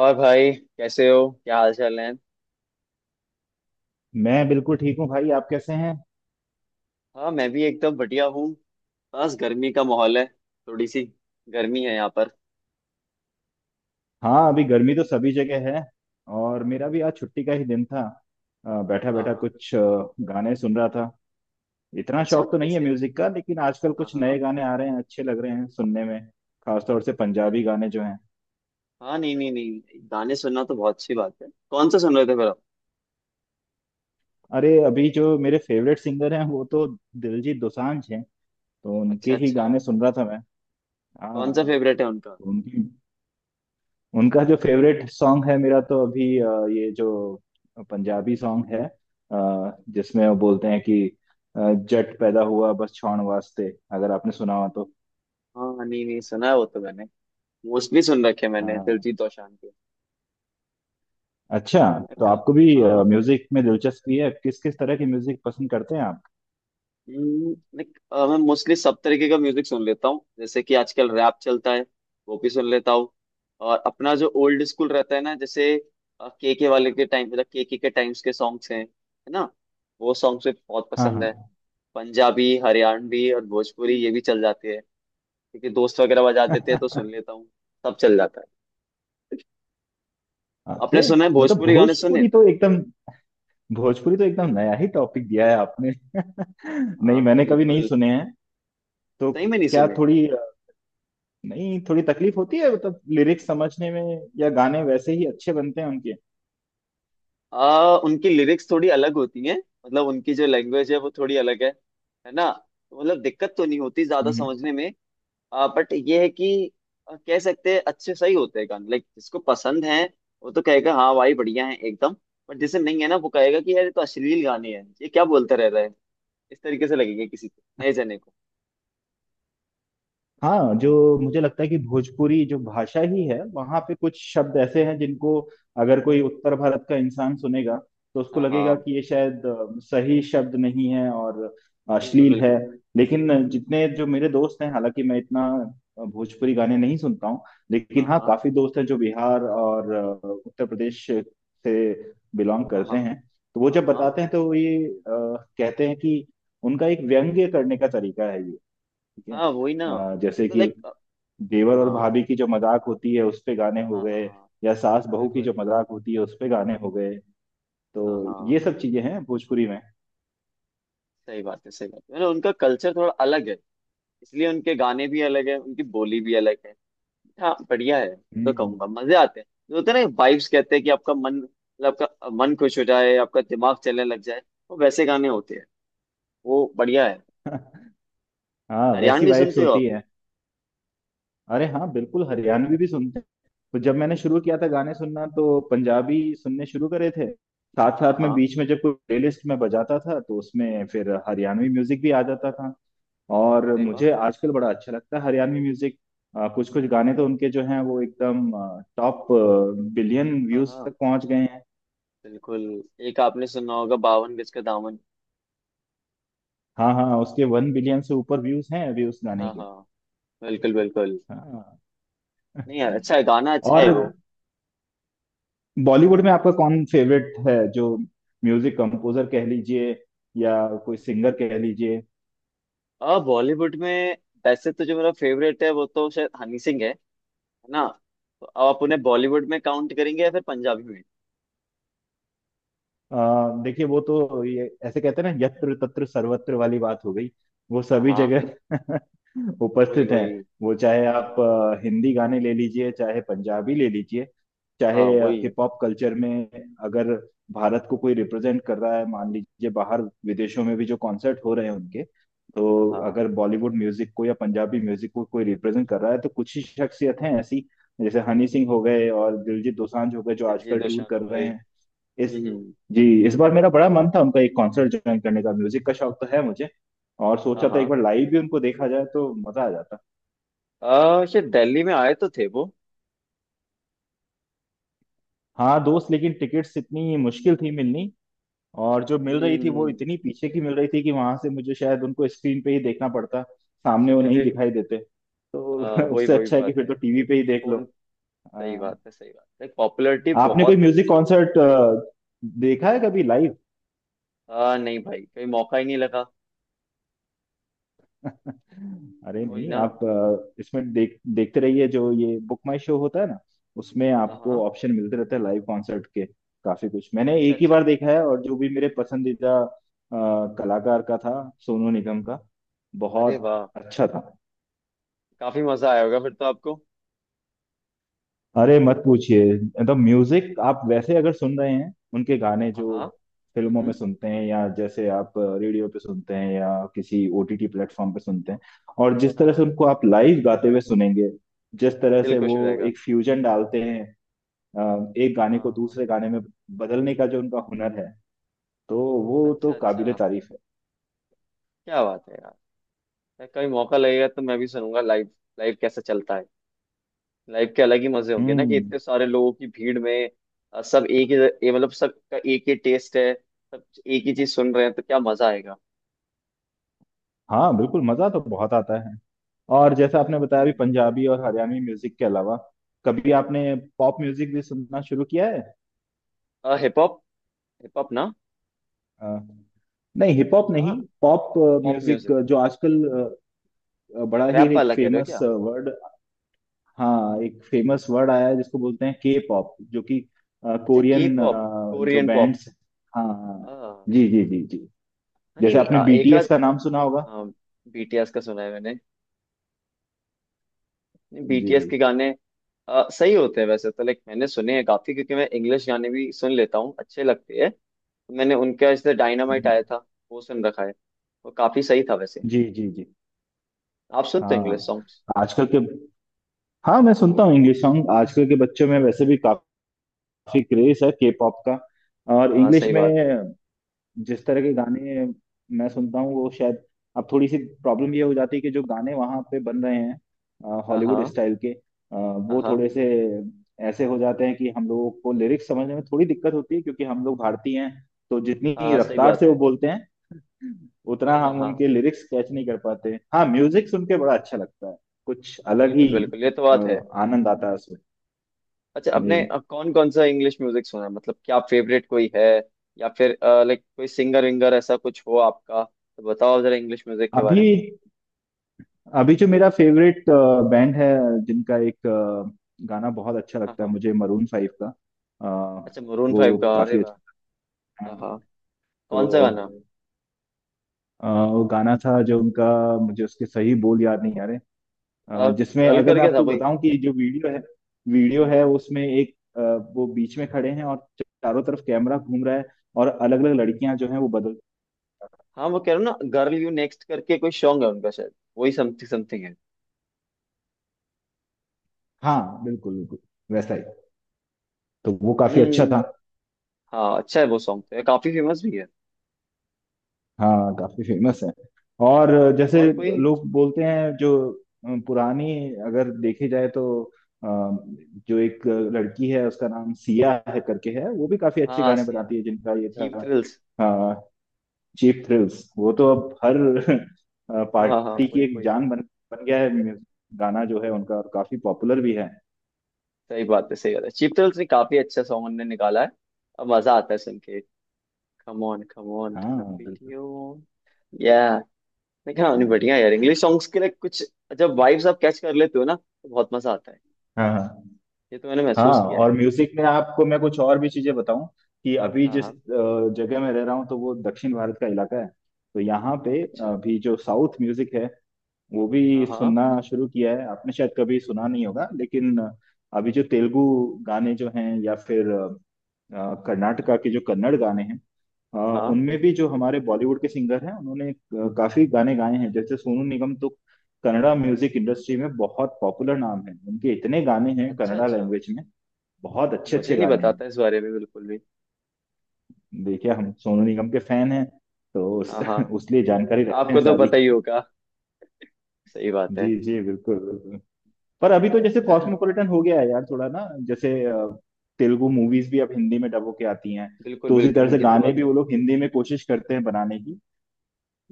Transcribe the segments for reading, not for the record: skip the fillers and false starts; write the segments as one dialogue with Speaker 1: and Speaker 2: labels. Speaker 1: और भाई, कैसे हो? क्या हाल चाल है?
Speaker 2: मैं बिल्कुल ठीक हूँ भाई। आप कैसे हैं?
Speaker 1: हाँ, मैं भी एकदम बढ़िया हूँ। बस गर्मी का माहौल है। थोड़ी सी गर्मी है यहाँ पर।
Speaker 2: हाँ, अभी गर्मी तो सभी जगह है। और मेरा भी आज छुट्टी का ही दिन था। बैठा
Speaker 1: हाँ
Speaker 2: बैठा
Speaker 1: हाँ।
Speaker 2: कुछ गाने सुन रहा था। इतना
Speaker 1: अच्छा,
Speaker 2: शौक तो नहीं है
Speaker 1: किसके?
Speaker 2: म्यूजिक का, लेकिन आजकल
Speaker 1: हाँ
Speaker 2: कुछ
Speaker 1: हाँ।
Speaker 2: नए गाने आ रहे हैं, अच्छे लग रहे हैं सुनने में। खासतौर से
Speaker 1: नहीं।
Speaker 2: पंजाबी गाने जो हैं।
Speaker 1: हाँ, नहीं नहीं नहीं, गाने सुनना तो बहुत अच्छी बात है। कौन सा सुन रहे थे फिर आप?
Speaker 2: अरे, अभी जो मेरे फेवरेट सिंगर हैं वो तो दिलजीत दोसांझ हैं। तो
Speaker 1: अच्छा
Speaker 2: उनके ही
Speaker 1: अच्छा।
Speaker 2: गाने सुन रहा था मैं।
Speaker 1: कौन सा
Speaker 2: हाँ।
Speaker 1: फेवरेट है उनका?
Speaker 2: तो उनकी उनका जो फेवरेट सॉन्ग है मेरा, तो अभी ये जो पंजाबी सॉन्ग है, जिसमें वो बोलते हैं कि अ, जट पैदा हुआ बस छाण वास्ते। अगर आपने सुना हो तो।
Speaker 1: हाँ, नहीं नहीं, सुना है वो तो मैंने। मोस्टली सुन रखे हैं मैंने
Speaker 2: हाँ।
Speaker 1: दिलजीत दोसांझ के।
Speaker 2: अच्छा। तो
Speaker 1: का।
Speaker 2: आपको भी
Speaker 1: हाँ।
Speaker 2: म्यूजिक में दिलचस्पी है? किस किस तरह की म्यूजिक पसंद करते हैं आप?
Speaker 1: लाइक, मैं मोस्टली सब तरीके का म्यूजिक सुन लेता हूँ, जैसे कि आजकल रैप चलता है, वो भी सुन लेता हूँ। और अपना जो ओल्ड स्कूल रहता है ना, जैसे के वाले के टाइम, मतलब के टाइम्स के सॉन्ग्स हैं, है ना। वो सॉन्ग्स भी बहुत
Speaker 2: हाँ
Speaker 1: पसंद है।
Speaker 2: हाँ।
Speaker 1: पंजाबी, हरियाणवी और भोजपुरी ये भी चल जाती है, क्योंकि दोस्त वगैरह बजा देते हैं तो सुन लेता हूँ। सब चल जाता है।
Speaker 2: अरे,
Speaker 1: आपने सुना है
Speaker 2: मतलब
Speaker 1: भोजपुरी गाने? सुने?
Speaker 2: भोजपुरी तो एकदम नया ही टॉपिक दिया है आपने। नहीं,
Speaker 1: हाँ
Speaker 2: मैंने कभी नहीं
Speaker 1: बिल्कुल।
Speaker 2: सुने हैं। तो
Speaker 1: सही में नहीं
Speaker 2: क्या
Speaker 1: सुने?
Speaker 2: थोड़ी नहीं, थोड़ी तकलीफ होती है मतलब लिरिक्स समझने में, या गाने वैसे ही अच्छे बनते हैं उनके?
Speaker 1: उनकी लिरिक्स थोड़ी अलग होती हैं। मतलब उनकी जो लैंग्वेज है वो थोड़ी अलग है ना। तो मतलब दिक्कत तो नहीं होती ज्यादा
Speaker 2: हम्म।
Speaker 1: समझने में। बट ये है कि कह सकते हैं अच्छे सही होते हैं गाने। लाइक जिसको पसंद है वो तो कहेगा हाँ भाई बढ़िया है एकदम। बट जिसे नहीं है ना वो कहेगा कि यार ये तो अश्लील गाने हैं, ये क्या बोलता रह रहा है। इस तरीके से लगेगा किसी को, नए जने को।
Speaker 2: हाँ, जो मुझे लगता है कि भोजपुरी जो भाषा ही है वहाँ पे कुछ शब्द ऐसे हैं जिनको अगर कोई उत्तर भारत का इंसान सुनेगा तो उसको
Speaker 1: हाँ
Speaker 2: लगेगा
Speaker 1: हाँ।
Speaker 2: कि ये शायद सही शब्द नहीं है और
Speaker 1: बिल्कुल
Speaker 2: अश्लील है।
Speaker 1: बिल्कुल।
Speaker 2: लेकिन जितने जो मेरे दोस्त हैं, हालांकि मैं इतना भोजपुरी गाने नहीं सुनता हूँ, लेकिन
Speaker 1: हाँ
Speaker 2: हाँ,
Speaker 1: हाँ
Speaker 2: काफी दोस्त हैं जो बिहार और उत्तर प्रदेश से बिलोंग
Speaker 1: हाँ। हाँ
Speaker 2: करते हैं। तो वो
Speaker 1: हाँ
Speaker 2: जब
Speaker 1: हाँ।
Speaker 2: बताते हैं तो ये कहते हैं कि उनका एक व्यंग्य करने का तरीका है ये। ठीक है।
Speaker 1: हाँ वही ना,
Speaker 2: जैसे
Speaker 1: मतलब
Speaker 2: कि
Speaker 1: लाइक, हाँ।
Speaker 2: देवर और भाभी की जो मजाक होती है उस पे गाने हो
Speaker 1: हाँ हाँ
Speaker 2: गए,
Speaker 1: हाँ।
Speaker 2: या सास बहू की जो
Speaker 1: बिल्कुल।
Speaker 2: मजाक होती है उस पे गाने हो गए। तो
Speaker 1: हाँ हाँ।
Speaker 2: ये सब चीजें हैं भोजपुरी में।
Speaker 1: सही बात है सही बात है। मतलब उनका कल्चर थोड़ा अलग है, इसलिए उनके गाने भी अलग है, उनकी बोली भी अलग है। हाँ बढ़िया है। मैं तो
Speaker 2: हम्म।
Speaker 1: कहूंगा मजे आते हैं जो होते हैं ना वाइब्स कहते हैं कि आपका मन, मतलब आपका मन खुश हो जाए, आपका दिमाग चलने लग जाए। वो वैसे गाने होते हैं। वो बढ़िया है।
Speaker 2: हाँ, वैसी
Speaker 1: हरियाणवी
Speaker 2: वाइब्स
Speaker 1: सुनते हो
Speaker 2: होती
Speaker 1: आप?
Speaker 2: है। अरे हाँ, बिल्कुल हरियाणवी भी सुनते हैं। तो जब मैंने शुरू किया था गाने सुनना तो पंजाबी सुनने शुरू करे थे। साथ
Speaker 1: हाँ
Speaker 2: साथ में
Speaker 1: हाँ।
Speaker 2: बीच में जब कोई प्लेलिस्ट में बजाता था तो उसमें फिर हरियाणवी म्यूजिक भी आ जाता था। और
Speaker 1: अरे वाह।
Speaker 2: मुझे आजकल बड़ा अच्छा लगता है हरियाणवी म्यूजिक। कुछ कुछ गाने तो उनके जो हैं वो एकदम टॉप बिलियन
Speaker 1: हाँ
Speaker 2: व्यूज
Speaker 1: हाँ।
Speaker 2: तक पहुंच गए हैं।
Speaker 1: बिल्कुल। एक आपने सुना होगा, बावन गज का दामन।
Speaker 2: हाँ हाँ, उसके वन बिलियन से ऊपर व्यूज हैं अभी उस गाने
Speaker 1: हाँ
Speaker 2: के।
Speaker 1: हाँ। बिल्कुल बिल्कुल।
Speaker 2: हाँ।
Speaker 1: नहीं यार, अच्छा है गाना, अच्छा है
Speaker 2: और
Speaker 1: वो।
Speaker 2: बॉलीवुड में आपका कौन फेवरेट है जो म्यूजिक कंपोजर कह लीजिए, या कोई सिंगर कह लीजिए?
Speaker 1: अब बॉलीवुड में वैसे तो जो मेरा फेवरेट है वो तो शायद हनी सिंह है ना। तो अब आप उन्हें बॉलीवुड में काउंट करेंगे या फिर पंजाबी में?
Speaker 2: अ, देखिए वो तो ये ऐसे कहते हैं ना, यत्र तत्र सर्वत्र वाली बात हो गई, वो
Speaker 1: हाँ
Speaker 2: सभी
Speaker 1: हाँ।
Speaker 2: जगह
Speaker 1: वही
Speaker 2: उपस्थित हैं।
Speaker 1: वही।
Speaker 2: वो चाहे
Speaker 1: हाँ
Speaker 2: आप
Speaker 1: हाँ
Speaker 2: हिंदी गाने ले लीजिए, चाहे पंजाबी ले लीजिए, चाहे
Speaker 1: हाँ। वही।
Speaker 2: हिप हॉप कल्चर में, अगर भारत को कोई रिप्रेजेंट कर रहा है मान लीजिए, बाहर विदेशों में भी जो कॉन्सर्ट हो रहे हैं उनके,
Speaker 1: हाँ
Speaker 2: तो
Speaker 1: हाँ।
Speaker 2: अगर बॉलीवुड म्यूजिक को या पंजाबी म्यूजिक को कोई रिप्रेजेंट कर रहा है तो कुछ ही शख्सियत हैं ऐसी। जैसे हनी सिंह हो गए और दिलजीत दोसांझ हो गए जो
Speaker 1: दिलजीत
Speaker 2: आजकल टूर
Speaker 1: दोसांझ
Speaker 2: कर
Speaker 1: हो
Speaker 2: रहे
Speaker 1: गए।
Speaker 2: हैं। इस
Speaker 1: हम्म।
Speaker 2: जी, इस बार मेरा बड़ा मन था उनका एक कॉन्सर्ट ज्वाइन करने का, म्यूजिक का शौक तो है मुझे, और
Speaker 1: हाँ
Speaker 2: सोचा था एक
Speaker 1: हाँ।
Speaker 2: बार लाइव भी उनको देखा जाए तो मजा आ जाता।
Speaker 1: शायद दिल्ली में आए तो थे वो।
Speaker 2: हाँ दोस्त, लेकिन टिकट्स इतनी मुश्किल थी मिलनी, और जो मिल रही थी वो
Speaker 1: हम्म।
Speaker 2: इतनी पीछे की मिल रही थी कि वहां से मुझे शायद उनको स्क्रीन पे ही देखना पड़ता, सामने वो नहीं दिखाई देते। तो
Speaker 1: वही
Speaker 2: उससे
Speaker 1: वही
Speaker 2: अच्छा है कि
Speaker 1: बात
Speaker 2: फिर
Speaker 1: है।
Speaker 2: तो टीवी पे ही देख लो।
Speaker 1: कौन? सही
Speaker 2: आ,
Speaker 1: बात है सही बात है। पॉपुलैरिटी
Speaker 2: आपने कोई
Speaker 1: बहुत।
Speaker 2: म्यूजिक कॉन्सर्ट देखा है कभी लाइव?
Speaker 1: नहीं भाई, कहीं मौका ही नहीं लगा।
Speaker 2: अरे
Speaker 1: वही
Speaker 2: नहीं,
Speaker 1: ना।
Speaker 2: आप इसमें देखते रहिए जो ये बुक माई शो होता है ना, उसमें
Speaker 1: हाँ
Speaker 2: आपको
Speaker 1: हाँ।
Speaker 2: ऑप्शन मिलते रहते हैं लाइव कॉन्सर्ट के। काफी कुछ मैंने
Speaker 1: अच्छा
Speaker 2: एक ही
Speaker 1: अच्छा।
Speaker 2: बार देखा है, और जो भी मेरे पसंदीदा कलाकार का था, सोनू निगम का,
Speaker 1: अरे
Speaker 2: बहुत
Speaker 1: वाह।
Speaker 2: अच्छा था।
Speaker 1: काफी मजा आया होगा फिर तो आपको।
Speaker 2: अरे मत पूछिए, मतलब म्यूजिक आप वैसे अगर सुन रहे हैं उनके गाने
Speaker 1: हाँ
Speaker 2: जो
Speaker 1: हाँ।
Speaker 2: फिल्मों में
Speaker 1: हम्म।
Speaker 2: सुनते हैं, या जैसे आप रेडियो पे सुनते हैं, या किसी ओटीटी प्लेटफॉर्म पे सुनते हैं, और जिस
Speaker 1: हाँ
Speaker 2: तरह से
Speaker 1: हाँ।
Speaker 2: उनको आप लाइव गाते हुए सुनेंगे, जिस तरह
Speaker 1: दिल
Speaker 2: से
Speaker 1: खुश
Speaker 2: वो
Speaker 1: हो जाएगा।
Speaker 2: एक फ्यूजन डालते हैं, एक गाने को
Speaker 1: हाँ।
Speaker 2: दूसरे गाने में बदलने का जो उनका हुनर है, तो वो तो
Speaker 1: अच्छा अच्छा।
Speaker 2: काबिले तारीफ है।
Speaker 1: क्या बात है यार। कभी मौका लगेगा तो मैं भी सुनूंगा लाइव। लाइव कैसा चलता है? लाइव के अलग ही मजे होंगे ना, कि
Speaker 2: हम्म।
Speaker 1: इतने सारे लोगों की भीड़ में सब एक ही, ये मतलब सबका एक ही टेस्ट है, सब एक ही चीज सुन रहे हैं तो क्या मजा आएगा।
Speaker 2: हाँ, बिल्कुल मज़ा तो बहुत आता है। और जैसा आपने बताया अभी
Speaker 1: हम्म।
Speaker 2: पंजाबी और हरियाणवी म्यूजिक के अलावा, कभी आपने पॉप म्यूजिक भी सुनना शुरू किया है?
Speaker 1: Hip hop? हिप हॉप ना?
Speaker 2: अ, नहीं हिप हॉप नहीं,
Speaker 1: हाँ,
Speaker 2: पॉप
Speaker 1: पॉप
Speaker 2: म्यूजिक,
Speaker 1: म्यूजिक?
Speaker 2: जो आजकल बड़ा ही
Speaker 1: रैप
Speaker 2: एक
Speaker 1: वाला कह रहे हो
Speaker 2: फेमस
Speaker 1: क्या?
Speaker 2: वर्ड, हाँ एक फेमस वर्ड आया है जिसको बोलते हैं के पॉप, जो कि
Speaker 1: अच्छा के
Speaker 2: कोरियन
Speaker 1: पॉप।
Speaker 2: जो
Speaker 1: कोरियन पॉप।
Speaker 2: बैंड्स, हाँ हाँ,
Speaker 1: हाँ।
Speaker 2: जी जी जी जी,
Speaker 1: नहीं
Speaker 2: जैसे
Speaker 1: नहीं,
Speaker 2: आपने
Speaker 1: एक
Speaker 2: बीटीएस
Speaker 1: आध
Speaker 2: का नाम सुना होगा।
Speaker 1: बीटीएस का सुना है मैंने।
Speaker 2: जी।
Speaker 1: बीटीएस के गाने सही होते हैं वैसे तो। लाइक मैंने सुने हैं काफी, क्योंकि मैं इंग्लिश गाने भी सुन लेता हूँ, अच्छे लगते हैं। तो मैंने उनका जैसे डायनामाइट
Speaker 2: हम्म,
Speaker 1: आया था, वो सुन रखा है। वो काफी सही था वैसे।
Speaker 2: जी जी जी।
Speaker 1: आप सुनते हो इंग्लिश
Speaker 2: हाँ
Speaker 1: सॉन्ग्स?
Speaker 2: आजकल के, हाँ मैं सुनता हूँ इंग्लिश सॉन्ग। आजकल के बच्चों में वैसे भी काफी क्रेज है के पॉप का, और
Speaker 1: हाँ
Speaker 2: इंग्लिश
Speaker 1: सही बात है।
Speaker 2: में जिस तरह के गाने मैं सुनता हूँ, वो शायद, अब थोड़ी सी प्रॉब्लम ये हो जाती है कि जो गाने वहाँ पे बन रहे हैं
Speaker 1: हाँ
Speaker 2: हॉलीवुड
Speaker 1: हाँ।
Speaker 2: स्टाइल के,
Speaker 1: हाँ
Speaker 2: वो
Speaker 1: हाँ।
Speaker 2: थोड़े से ऐसे हो जाते हैं कि हम लोगों को लिरिक्स समझने में थोड़ी दिक्कत होती है, क्योंकि हम लोग भारतीय हैं, तो
Speaker 1: हाँ
Speaker 2: जितनी
Speaker 1: हाँ, सही
Speaker 2: रफ्तार
Speaker 1: बात
Speaker 2: से वो
Speaker 1: है।
Speaker 2: बोलते हैं उतना
Speaker 1: हाँ
Speaker 2: हम
Speaker 1: हाँ।
Speaker 2: उनके लिरिक्स कैच नहीं कर पाते। हाँ, म्यूजिक सुन के बड़ा अच्छा लगता है, कुछ अलग ही
Speaker 1: बिल्कुल बिल्कुल, ये तो बात है।
Speaker 2: आनंद आता है उसमें।
Speaker 1: अच्छा आपने
Speaker 2: जी।
Speaker 1: कौन कौन सा इंग्लिश म्यूजिक सुना है? मतलब क्या फेवरेट कोई है या फिर, लाइक कोई सिंगर विंगर ऐसा कुछ हो आपका तो बताओ जरा इंग्लिश म्यूजिक के
Speaker 2: अभी
Speaker 1: बारे में।
Speaker 2: अभी जो मेरा फेवरेट बैंड है, जिनका एक गाना बहुत अच्छा
Speaker 1: हाँ
Speaker 2: लगता है
Speaker 1: हाँ।
Speaker 2: मुझे, मरून फाइव का, अ,
Speaker 1: अच्छा, मरून फाइव
Speaker 2: वो
Speaker 1: का। अरे
Speaker 2: काफी
Speaker 1: वाह।
Speaker 2: अच्छा लगता
Speaker 1: हाँ
Speaker 2: है।
Speaker 1: हाँ। कौन सा गाना?
Speaker 2: तो वो गाना था जो उनका, मुझे उसके सही बोल याद नहीं आ रहे, जिसमें
Speaker 1: गर्ल
Speaker 2: अगर मैं
Speaker 1: करके था
Speaker 2: आपको
Speaker 1: भाई?
Speaker 2: बताऊं कि जो वीडियो है, उसमें एक वो बीच में खड़े हैं और चारों तरफ कैमरा घूम रहा है, और अलग अलग लड़कियां जो हैं वो बदल।
Speaker 1: हाँ, वो कह रहा हूँ ना, गर्ल यू नेक्स्ट करके कोई सॉन्ग है उनका शायद, वही समथिंग समथिंग है।
Speaker 2: हाँ, बिल्कुल बिल्कुल, वैसा ही। तो वो काफी अच्छा
Speaker 1: हम्म।
Speaker 2: था।
Speaker 1: हाँ अच्छा है वो सॉन्ग तो, ये काफी फेमस भी है।
Speaker 2: हाँ काफी फेमस है। और जैसे
Speaker 1: और कोई?
Speaker 2: लोग बोलते हैं जो पुरानी अगर देखी जाए तो, अ, जो एक लड़की है उसका नाम सिया है करके, है, वो भी काफी अच्छे
Speaker 1: हाँ
Speaker 2: गाने
Speaker 1: सिया,
Speaker 2: बनाती है, जिनका ये था
Speaker 1: चीप थ्रिल्स।
Speaker 2: चीप थ्रिल्स, वो तो अब हर
Speaker 1: हाँ हाँ हाँ,
Speaker 2: पार्टी की
Speaker 1: वही
Speaker 2: एक
Speaker 1: वही।
Speaker 2: जान बन बन गया है म्यूजिक, गाना जो है उनका, और काफी पॉपुलर भी है।
Speaker 1: सही बात है सही बात है। चीप थ्रिल्स ने काफी अच्छा सॉन्ग उन्होंने निकाला है। अब मजा आता है सुन के। कम ऑन थन
Speaker 2: हाँ बिल्कुल।
Speaker 1: पीटियो या। देखा उन्हें बढ़िया यार, इंग्लिश सॉन्ग्स के लिए कुछ, जब वाइब्स आप कैच कर लेते हो ना तो बहुत मजा आता है।
Speaker 2: हाँ हाँ
Speaker 1: ये तो मैंने
Speaker 2: हाँ।
Speaker 1: महसूस किया है।
Speaker 2: और म्यूजिक में आपको मैं कुछ और भी चीजें बताऊं कि अभी
Speaker 1: हाँ
Speaker 2: जिस
Speaker 1: हाँ।
Speaker 2: जगह में रह रहा हूँ, तो वो दक्षिण भारत का इलाका है, तो यहाँ पे
Speaker 1: अच्छा।
Speaker 2: अभी जो साउथ म्यूजिक है, वो भी
Speaker 1: हाँ हाँ
Speaker 2: सुनना शुरू किया है। आपने शायद कभी सुना नहीं होगा, लेकिन अभी जो तेलुगु गाने जो हैं, या फिर कर्नाटका के जो कन्नड़ गाने हैं, अ,
Speaker 1: हाँ हाँ।
Speaker 2: उनमें भी जो हमारे बॉलीवुड के सिंगर हैं उन्होंने काफी गाने गाए हैं, जैसे सोनू निगम तो कन्नड़ा म्यूजिक इंडस्ट्री में बहुत पॉपुलर नाम है। उनके इतने गाने हैं
Speaker 1: अच्छा
Speaker 2: कन्नड़ा
Speaker 1: अच्छा।
Speaker 2: लैंग्वेज में, बहुत अच्छे
Speaker 1: मुझे
Speaker 2: अच्छे
Speaker 1: नहीं
Speaker 2: गाने हैं।
Speaker 1: बताता इस बारे में बिल्कुल भी।
Speaker 2: देखिए हम सोनू निगम के फैन हैं, तो
Speaker 1: हाँ हाँ।
Speaker 2: उस लिए जानकारी रखते हैं
Speaker 1: आपको तो पता
Speaker 2: सारी।
Speaker 1: ही होगा। सही बात है।
Speaker 2: जी जी बिल्कुल बिल्कुल। पर अभी तो जैसे
Speaker 1: यार
Speaker 2: कॉस्मोपॉलिटन हो गया है यार थोड़ा ना, जैसे तेलुगु मूवीज भी अब हिंदी में डब होके आती हैं,
Speaker 1: बिल्कुल
Speaker 2: तो उसी
Speaker 1: बिल्कुल,
Speaker 2: तरह
Speaker 1: हाँ
Speaker 2: से
Speaker 1: ये तो
Speaker 2: गाने
Speaker 1: बात
Speaker 2: भी
Speaker 1: है।
Speaker 2: वो लोग हिंदी में कोशिश करते हैं बनाने की।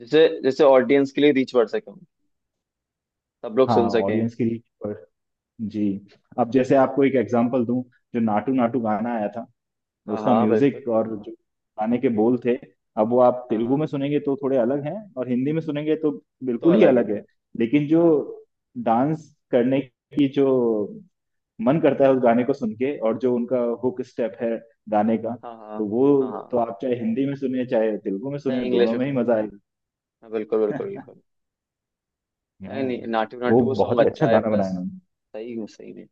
Speaker 1: जैसे जैसे ऑडियंस के लिए रीच बढ़ सके, सब लोग
Speaker 2: हाँ,
Speaker 1: सुन सकें।
Speaker 2: ऑडियंस की रीच पर। जी। अब जैसे आपको एक एग्जांपल दूं, जो नाटू नाटू गाना आया था,
Speaker 1: हाँ
Speaker 2: उसका
Speaker 1: हाँ। बिल्कुल।
Speaker 2: म्यूजिक और जो गाने के बोल थे, अब वो आप
Speaker 1: हाँ
Speaker 2: तेलुगु
Speaker 1: हाँ।
Speaker 2: में सुनेंगे तो थोड़े अलग हैं, और हिंदी में सुनेंगे तो
Speaker 1: तो
Speaker 2: बिल्कुल ही
Speaker 1: अलग है।
Speaker 2: अलग है। लेकिन जो
Speaker 1: हाँ हाँ।
Speaker 2: डांस करने की जो मन करता है उस गाने को सुन के, और जो उनका हुक स्टेप है गाने का,
Speaker 1: हाँ
Speaker 2: तो
Speaker 1: हाँ।
Speaker 2: वो,
Speaker 1: हाँ
Speaker 2: तो
Speaker 1: हाँ।
Speaker 2: आप चाहे हिंदी में सुने चाहे तेलुगु में
Speaker 1: चाहे
Speaker 2: सुने,
Speaker 1: इंग्लिश
Speaker 2: दोनों
Speaker 1: में
Speaker 2: में ही
Speaker 1: सुने।
Speaker 2: मजा आएगा।
Speaker 1: हाँ बिल्कुल बिल्कुल बिल्कुल।
Speaker 2: हाँ,
Speaker 1: नहीं नहीं, नाटू
Speaker 2: वो
Speaker 1: नाटू वो
Speaker 2: बहुत
Speaker 1: सॉन्ग
Speaker 2: ही अच्छा
Speaker 1: अच्छा है
Speaker 2: गाना
Speaker 1: प्लस।
Speaker 2: बनाया उन्होंने।
Speaker 1: सही में सही में।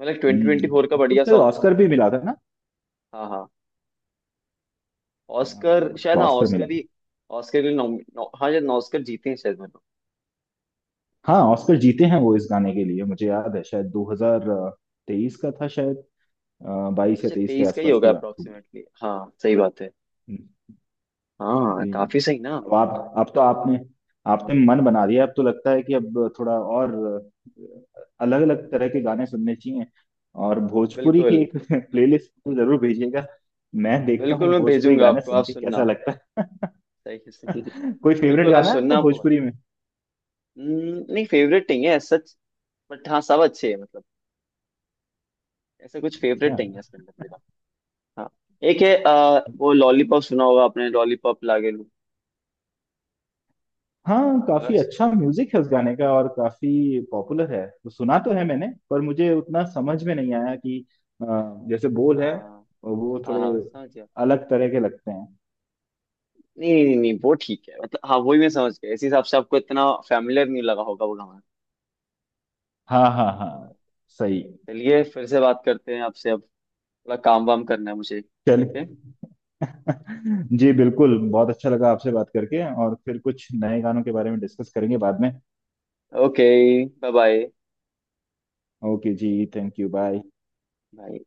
Speaker 1: मतलब ट्वेंटी ट्वेंटी फोर का
Speaker 2: उसको तो
Speaker 1: बढ़िया
Speaker 2: शायद
Speaker 1: सॉन्ग था।
Speaker 2: ऑस्कर भी मिला था ना।
Speaker 1: हाँ हाँ।
Speaker 2: हाँ,
Speaker 1: ऑस्कर शायद,
Speaker 2: उसको
Speaker 1: हाँ
Speaker 2: ऑस्कर मिला।
Speaker 1: ऑस्कर ही। ऑस्कर के लिए नॉम, नौ, हाँ शायद ऑस्कर जीते हैं शायद, मतलब।
Speaker 2: हाँ, ऑस्कर जीते हैं वो इस गाने के लिए, मुझे याद है शायद 2023 का था शायद, बाईस या
Speaker 1: अच्छा
Speaker 2: तेईस के
Speaker 1: 23 का ही
Speaker 2: आसपास
Speaker 1: होगा
Speaker 2: की बात होगी।
Speaker 1: अप्रोक्सीमेटली, हाँ सही बात है।
Speaker 2: हम्म।
Speaker 1: हाँ
Speaker 2: जी।
Speaker 1: काफी सही ना।
Speaker 2: अब आप अब तो आपने आपने मन बना दिया, अब तो लगता है कि अब थोड़ा और अलग अलग तरह के गाने सुनने चाहिए। और भोजपुरी की
Speaker 1: बिल्कुल
Speaker 2: एक प्लेलिस्ट तो जरूर भेजिएगा, मैं देखता
Speaker 1: बिल्कुल,
Speaker 2: हूँ
Speaker 1: मैं
Speaker 2: भोजपुरी
Speaker 1: भेजूंगा
Speaker 2: गाने
Speaker 1: आपको
Speaker 2: सुन
Speaker 1: आप
Speaker 2: के कैसा
Speaker 1: सुनना।
Speaker 2: लगता है।
Speaker 1: सही है, सही है।
Speaker 2: कोई फेवरेट
Speaker 1: बिल्कुल, आप
Speaker 2: गाना है आपका
Speaker 1: सुनना आपको।
Speaker 2: भोजपुरी में?
Speaker 1: नहीं फेवरेट नहीं है as such। बट हाँ सब अच्छे हैं मतलब। ऐसा कुछ
Speaker 2: अच्छा।
Speaker 1: फेवरेट नहीं है इसके अंदर मेरा। हाँ। एक है वो लॉलीपॉप सुना होगा आपने, लॉलीपॉप लागे लू।
Speaker 2: हाँ, काफी
Speaker 1: अगर।
Speaker 2: अच्छा म्यूजिक है उस गाने का और काफी पॉपुलर है, तो सुना तो है मैंने, पर मुझे उतना समझ में नहीं आया कि अ, जैसे बोल है
Speaker 1: हाँ
Speaker 2: वो
Speaker 1: हाँ
Speaker 2: थोड़े
Speaker 1: हाँ समझ गया।
Speaker 2: अलग तरह के लगते हैं।
Speaker 1: नहीं नहीं नहीं, वो ठीक है, मतलब हाँ वही मैं समझ गया, इस हिसाब से आपको इतना फैमिलियर नहीं लगा होगा वो गाना।
Speaker 2: हाँ हाँ हाँ।
Speaker 1: हाँ।
Speaker 2: सही।
Speaker 1: चलिए, फिर से बात करते हैं आपसे अब, थोड़ा काम वाम करना है मुझे, ठीक है?
Speaker 2: चलिए। जी बिल्कुल, बहुत अच्छा लगा आपसे बात करके, और फिर कुछ नए गानों के बारे में डिस्कस करेंगे बाद में।
Speaker 1: ओके। Bye bye.
Speaker 2: ओके जी, थैंक यू, बाय।
Speaker 1: बाय।